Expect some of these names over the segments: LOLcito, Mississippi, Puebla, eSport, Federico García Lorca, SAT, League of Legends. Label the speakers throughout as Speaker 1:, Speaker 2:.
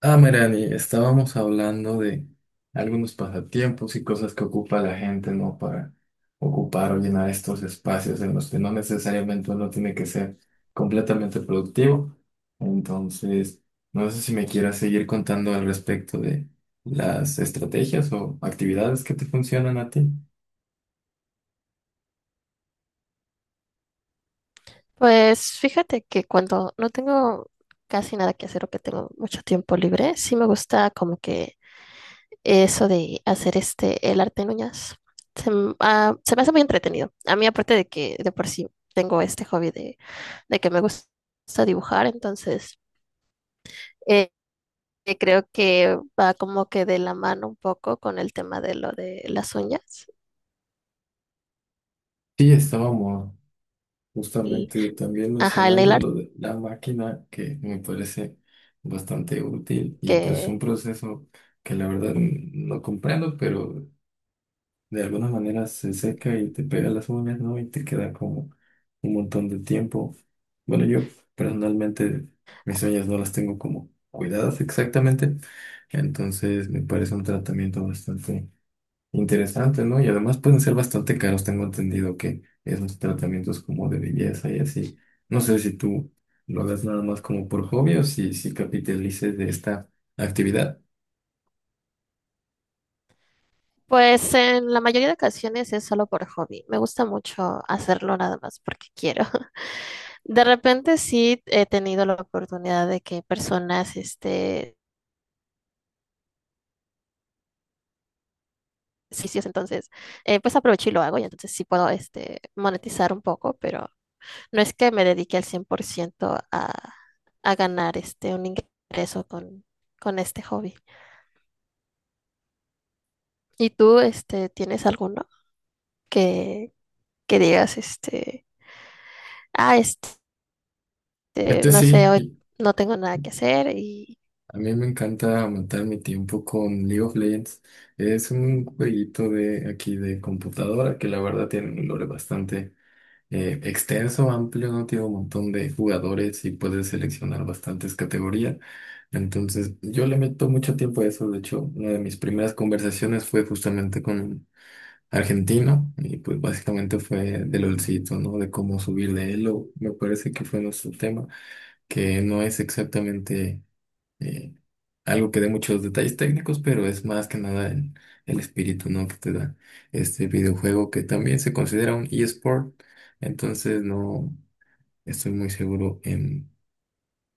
Speaker 1: Ah, Merani, estábamos hablando de algunos pasatiempos y cosas que ocupa la gente, ¿no? Para ocupar o llenar estos espacios en los que no necesariamente uno tiene que ser completamente productivo. Entonces, no sé si me quieras seguir contando al respecto de las estrategias o actividades que te funcionan a ti.
Speaker 2: Pues fíjate que cuando no tengo casi nada que hacer o que tengo mucho tiempo libre, sí me gusta como que eso de hacer el arte en uñas. Se me hace muy entretenido. A mí, aparte de que de por sí tengo este hobby de que me gusta dibujar, entonces eh, creo que va como que de la mano un poco con el tema de lo de las uñas.
Speaker 1: Sí, estábamos
Speaker 2: Y,
Speaker 1: justamente también
Speaker 2: ajá, el nail
Speaker 1: mencionando
Speaker 2: art.
Speaker 1: lo de la máquina, que me parece bastante útil, y pues un proceso que la verdad no comprendo, pero de alguna manera se seca y te pega las uñas, ¿no? Y te queda como un montón de tiempo. Bueno, yo personalmente mis uñas no las tengo como cuidadas exactamente, entonces me parece un tratamiento bastante interesante, ¿no? Y además pueden ser bastante caros, tengo entendido que esos tratamientos como de belleza y así. No sé si tú lo hagas nada más como por hobby o si capitalices de esta actividad.
Speaker 2: Pues en la mayoría de ocasiones es solo por hobby. Me gusta mucho hacerlo nada más porque quiero. De repente sí he tenido la oportunidad de que personas, servicios, entonces, pues aprovecho y lo hago y entonces sí puedo, monetizar un poco, pero no es que me dedique al 100% a ganar, un ingreso con este hobby. ¿Y tú, tienes alguno que, que digas, ah, este
Speaker 1: Este
Speaker 2: no sé,
Speaker 1: sí,
Speaker 2: hoy
Speaker 1: y
Speaker 2: no tengo nada que hacer y
Speaker 1: a mí me encanta aumentar mi tiempo con League of Legends. Es un jueguito de aquí de computadora que la verdad tiene un lore bastante extenso, amplio, ¿no? Tiene un montón de jugadores y puedes seleccionar bastantes categorías. Entonces, yo le meto mucho tiempo a eso. De hecho, una de mis primeras conversaciones fue justamente con un argentino y pues básicamente fue del LOLcito, ¿no? De cómo subir de elo. Me parece que fue nuestro tema, que no es exactamente eh, algo que dé muchos detalles técnicos, pero es más que nada el espíritu, ¿no? Que te da este videojuego, que también se considera un eSport. Entonces no estoy muy seguro en,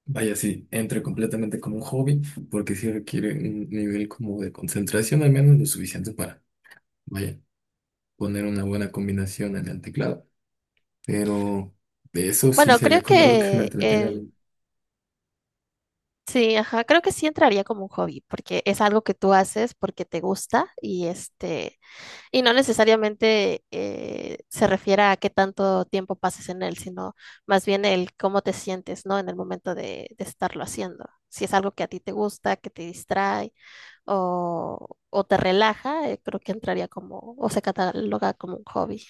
Speaker 1: vaya, si entre completamente como un hobby, porque sí requiere un nivel como de concentración, al menos lo suficiente para, vaya, poner una buena combinación en el teclado, pero de eso sí
Speaker 2: bueno, creo
Speaker 1: sería como algo que me
Speaker 2: que
Speaker 1: entretiene a mí.
Speaker 2: sí, ajá, creo que sí entraría como un hobby, porque es algo que tú haces porque te gusta y y no necesariamente se refiere a qué tanto tiempo pases en él, sino más bien el cómo te sientes, ¿no? En el momento de estarlo haciendo. Si es algo que a ti te gusta, que te distrae o te relaja, creo que entraría como, o se cataloga como un hobby.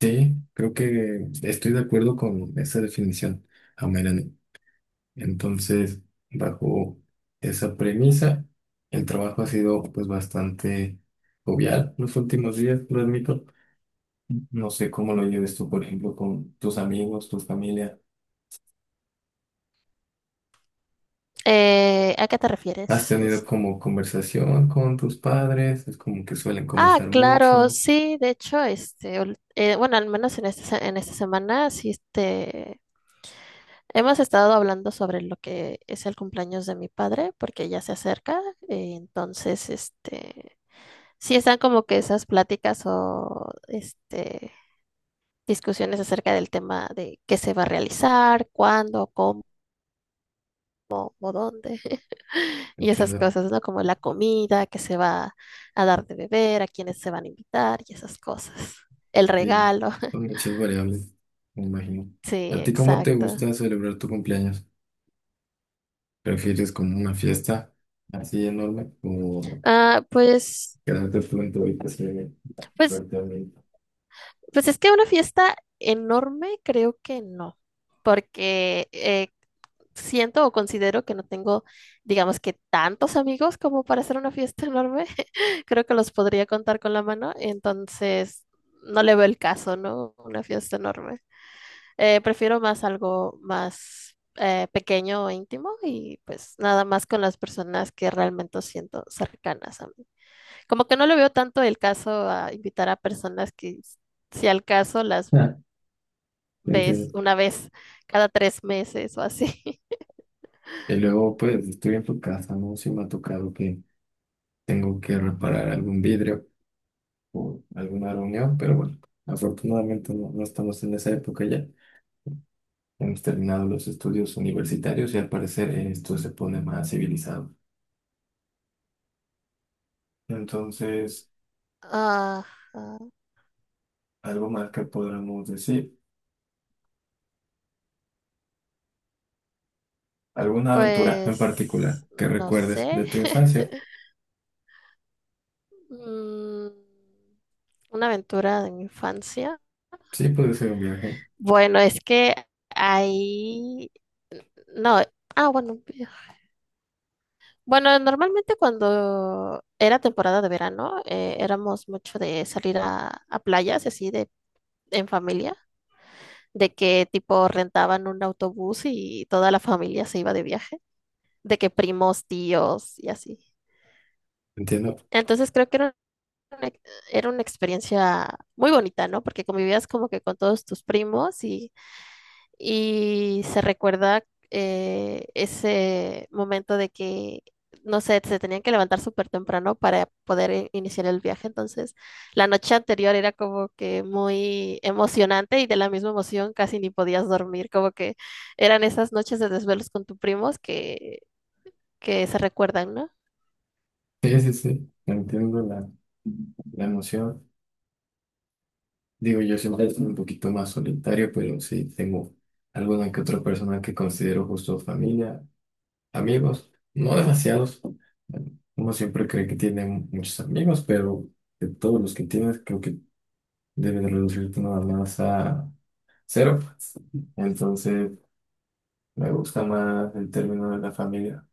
Speaker 1: Sí, creo que estoy de acuerdo con esa definición. Amén. Entonces, bajo esa premisa, el trabajo ha sido pues bastante jovial los últimos días, lo admito. No sé cómo lo lleves tú, por ejemplo, con tus amigos, tu familia.
Speaker 2: ¿A qué te
Speaker 1: ¿Has
Speaker 2: refieres?
Speaker 1: tenido
Speaker 2: Es-.
Speaker 1: como conversación con tus padres? Es como que suelen
Speaker 2: Ah,
Speaker 1: conversar
Speaker 2: claro,
Speaker 1: mucho.
Speaker 2: sí, de hecho, bueno, al menos en en esta semana, sí, hemos estado hablando sobre lo que es el cumpleaños de mi padre, porque ya se acerca, entonces, sí están como que esas pláticas o discusiones acerca del tema de qué se va a realizar, cuándo, o dónde. Y esas
Speaker 1: Entiendo.
Speaker 2: cosas, ¿no? Como la comida que se va a dar de beber, a quienes se van a invitar y esas cosas. El
Speaker 1: Sí,
Speaker 2: regalo.
Speaker 1: son muchas variables, me imagino.
Speaker 2: Sí,
Speaker 1: ¿A ti cómo te
Speaker 2: exacto.
Speaker 1: gusta celebrar tu cumpleaños? ¿Prefieres como una fiesta así enorme o
Speaker 2: Ah, pues,
Speaker 1: quedarte tú en tu habitación?
Speaker 2: pues,
Speaker 1: Pero
Speaker 2: pues es que una fiesta enorme creo que no, porque siento o considero que no tengo, digamos que tantos amigos como para hacer una fiesta enorme. Creo que los podría contar con la mano, entonces no le veo el caso, ¿no? Una fiesta enorme. Prefiero más algo más pequeño o íntimo y pues nada más con las personas que realmente siento cercanas a mí. Como que no le veo tanto el caso a invitar a personas si al caso las
Speaker 1: ah,
Speaker 2: ves
Speaker 1: ¿me
Speaker 2: una vez cada 3 meses o así.
Speaker 1: y luego, pues, estoy en tu casa, ¿no? Si me ha tocado que tengo que reparar algún vidrio o alguna reunión, pero bueno, afortunadamente no, no estamos en esa época ya. Hemos terminado los estudios universitarios y al parecer esto se pone más civilizado. Entonces,
Speaker 2: Ajá,
Speaker 1: algo más que podamos decir, alguna aventura en
Speaker 2: pues
Speaker 1: particular que
Speaker 2: no
Speaker 1: recuerdes
Speaker 2: sé.
Speaker 1: de tu infancia.
Speaker 2: Mm, una aventura de mi infancia.
Speaker 1: Sí, puede ser un viaje,
Speaker 2: Bueno, es que ahí... No, bueno. Bueno, normalmente cuando era temporada de verano, éramos mucho de salir a playas, así de en familia, de que tipo rentaban un autobús y toda la familia se iba de viaje, de que primos, tíos y así.
Speaker 1: entiendo.
Speaker 2: Entonces creo que una, era una experiencia muy bonita, ¿no? Porque convivías como que con todos tus primos y se recuerda ese momento de que, no sé, se tenían que levantar súper temprano para poder iniciar el viaje. Entonces, la noche anterior era como que muy emocionante y de la misma emoción casi ni podías dormir, como que eran esas noches de desvelos con tus primos que se recuerdan, ¿no?
Speaker 1: Sí, sí, sí, entiendo la emoción. Digo, yo siempre soy un poquito más solitario, pero sí tengo alguna que otra persona que considero justo familia, amigos, no demasiados. Uno siempre cree que tiene muchos amigos, pero de todos los que tienes, creo que debes reducirte nada más a cero. Entonces, me gusta más el término de la familia.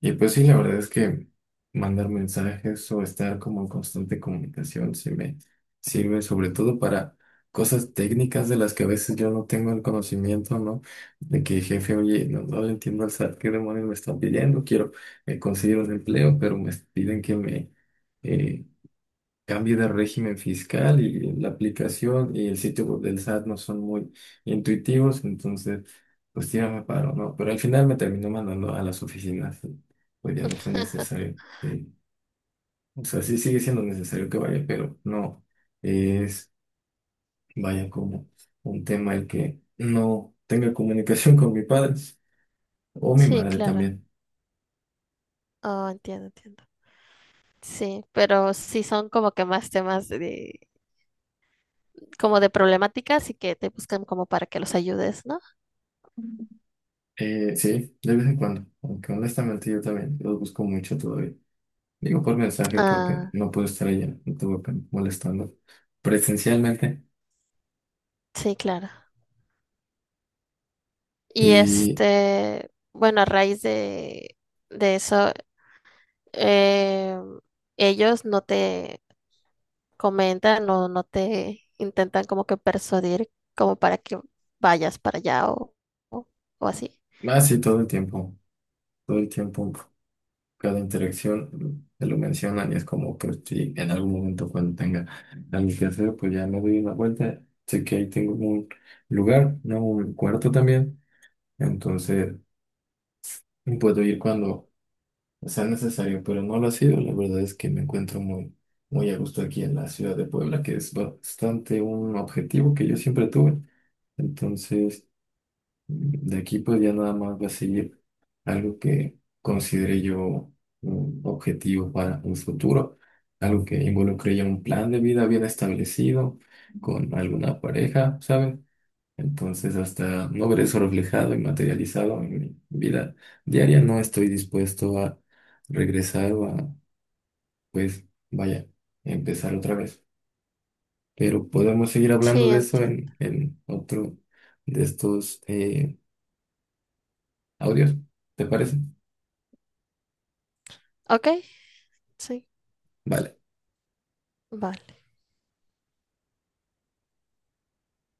Speaker 1: Y pues sí, la verdad es que mandar mensajes o estar como en constante comunicación sí me sirve sobre todo para cosas técnicas de las que a veces yo no tengo el conocimiento, ¿no? De que jefe, oye, no, no le entiendo al SAT, ¿qué demonios me están pidiendo? Quiero conseguir un empleo, pero me piden que me, eh, cambio de régimen fiscal, y la aplicación y el sitio web del SAT no son muy intuitivos, entonces pues tírame paro, ¿no? Pero al final me terminó mandando a las oficinas, y pues ya no fue necesario. Sí. O sea, sí sigue siendo necesario que vaya, pero no es, vaya, como un tema el que no tenga comunicación con mi padre o mi
Speaker 2: Sí,
Speaker 1: madre
Speaker 2: claro.
Speaker 1: también.
Speaker 2: Oh, entiendo, entiendo. Sí, pero sí son como que más temas de, como de problemáticas y que te buscan como para que los ayudes, ¿no?
Speaker 1: Sí, de vez en cuando, aunque honestamente yo también los busco mucho todavía. Digo por mensaje porque
Speaker 2: Ah,
Speaker 1: no pude estar allá, estuve pen- molestando presencialmente,
Speaker 2: sí, claro. Y
Speaker 1: y
Speaker 2: este, bueno, a raíz de eso, eh, ellos no te comentan o no te intentan como que persuadir como para que vayas para allá o, o así.
Speaker 1: así todo el tiempo, cada interacción se lo mencionan, y es como que si en algún momento cuando tenga algo que hacer, pues ya me doy una vuelta, sé que ahí tengo un lugar, ¿no? Un cuarto también, entonces puedo ir cuando sea necesario, pero no lo ha sido. La verdad es que me encuentro muy, muy a gusto aquí en la ciudad de Puebla, que es bastante un objetivo que yo siempre tuve. Entonces, mm, de aquí pues ya nada más va a seguir algo que considere yo un objetivo para un futuro, algo que involucre ya un plan de vida bien establecido con alguna pareja, ¿sabes? Entonces, hasta no ver eso reflejado y materializado en mi vida diaria, no estoy dispuesto a regresar o a, pues, vaya, empezar otra vez. Pero podemos seguir
Speaker 2: Sí,
Speaker 1: hablando de eso
Speaker 2: entiendo.
Speaker 1: en otro de estos audios, ¿te parece?
Speaker 2: Ok, sí,
Speaker 1: Vale.
Speaker 2: vale.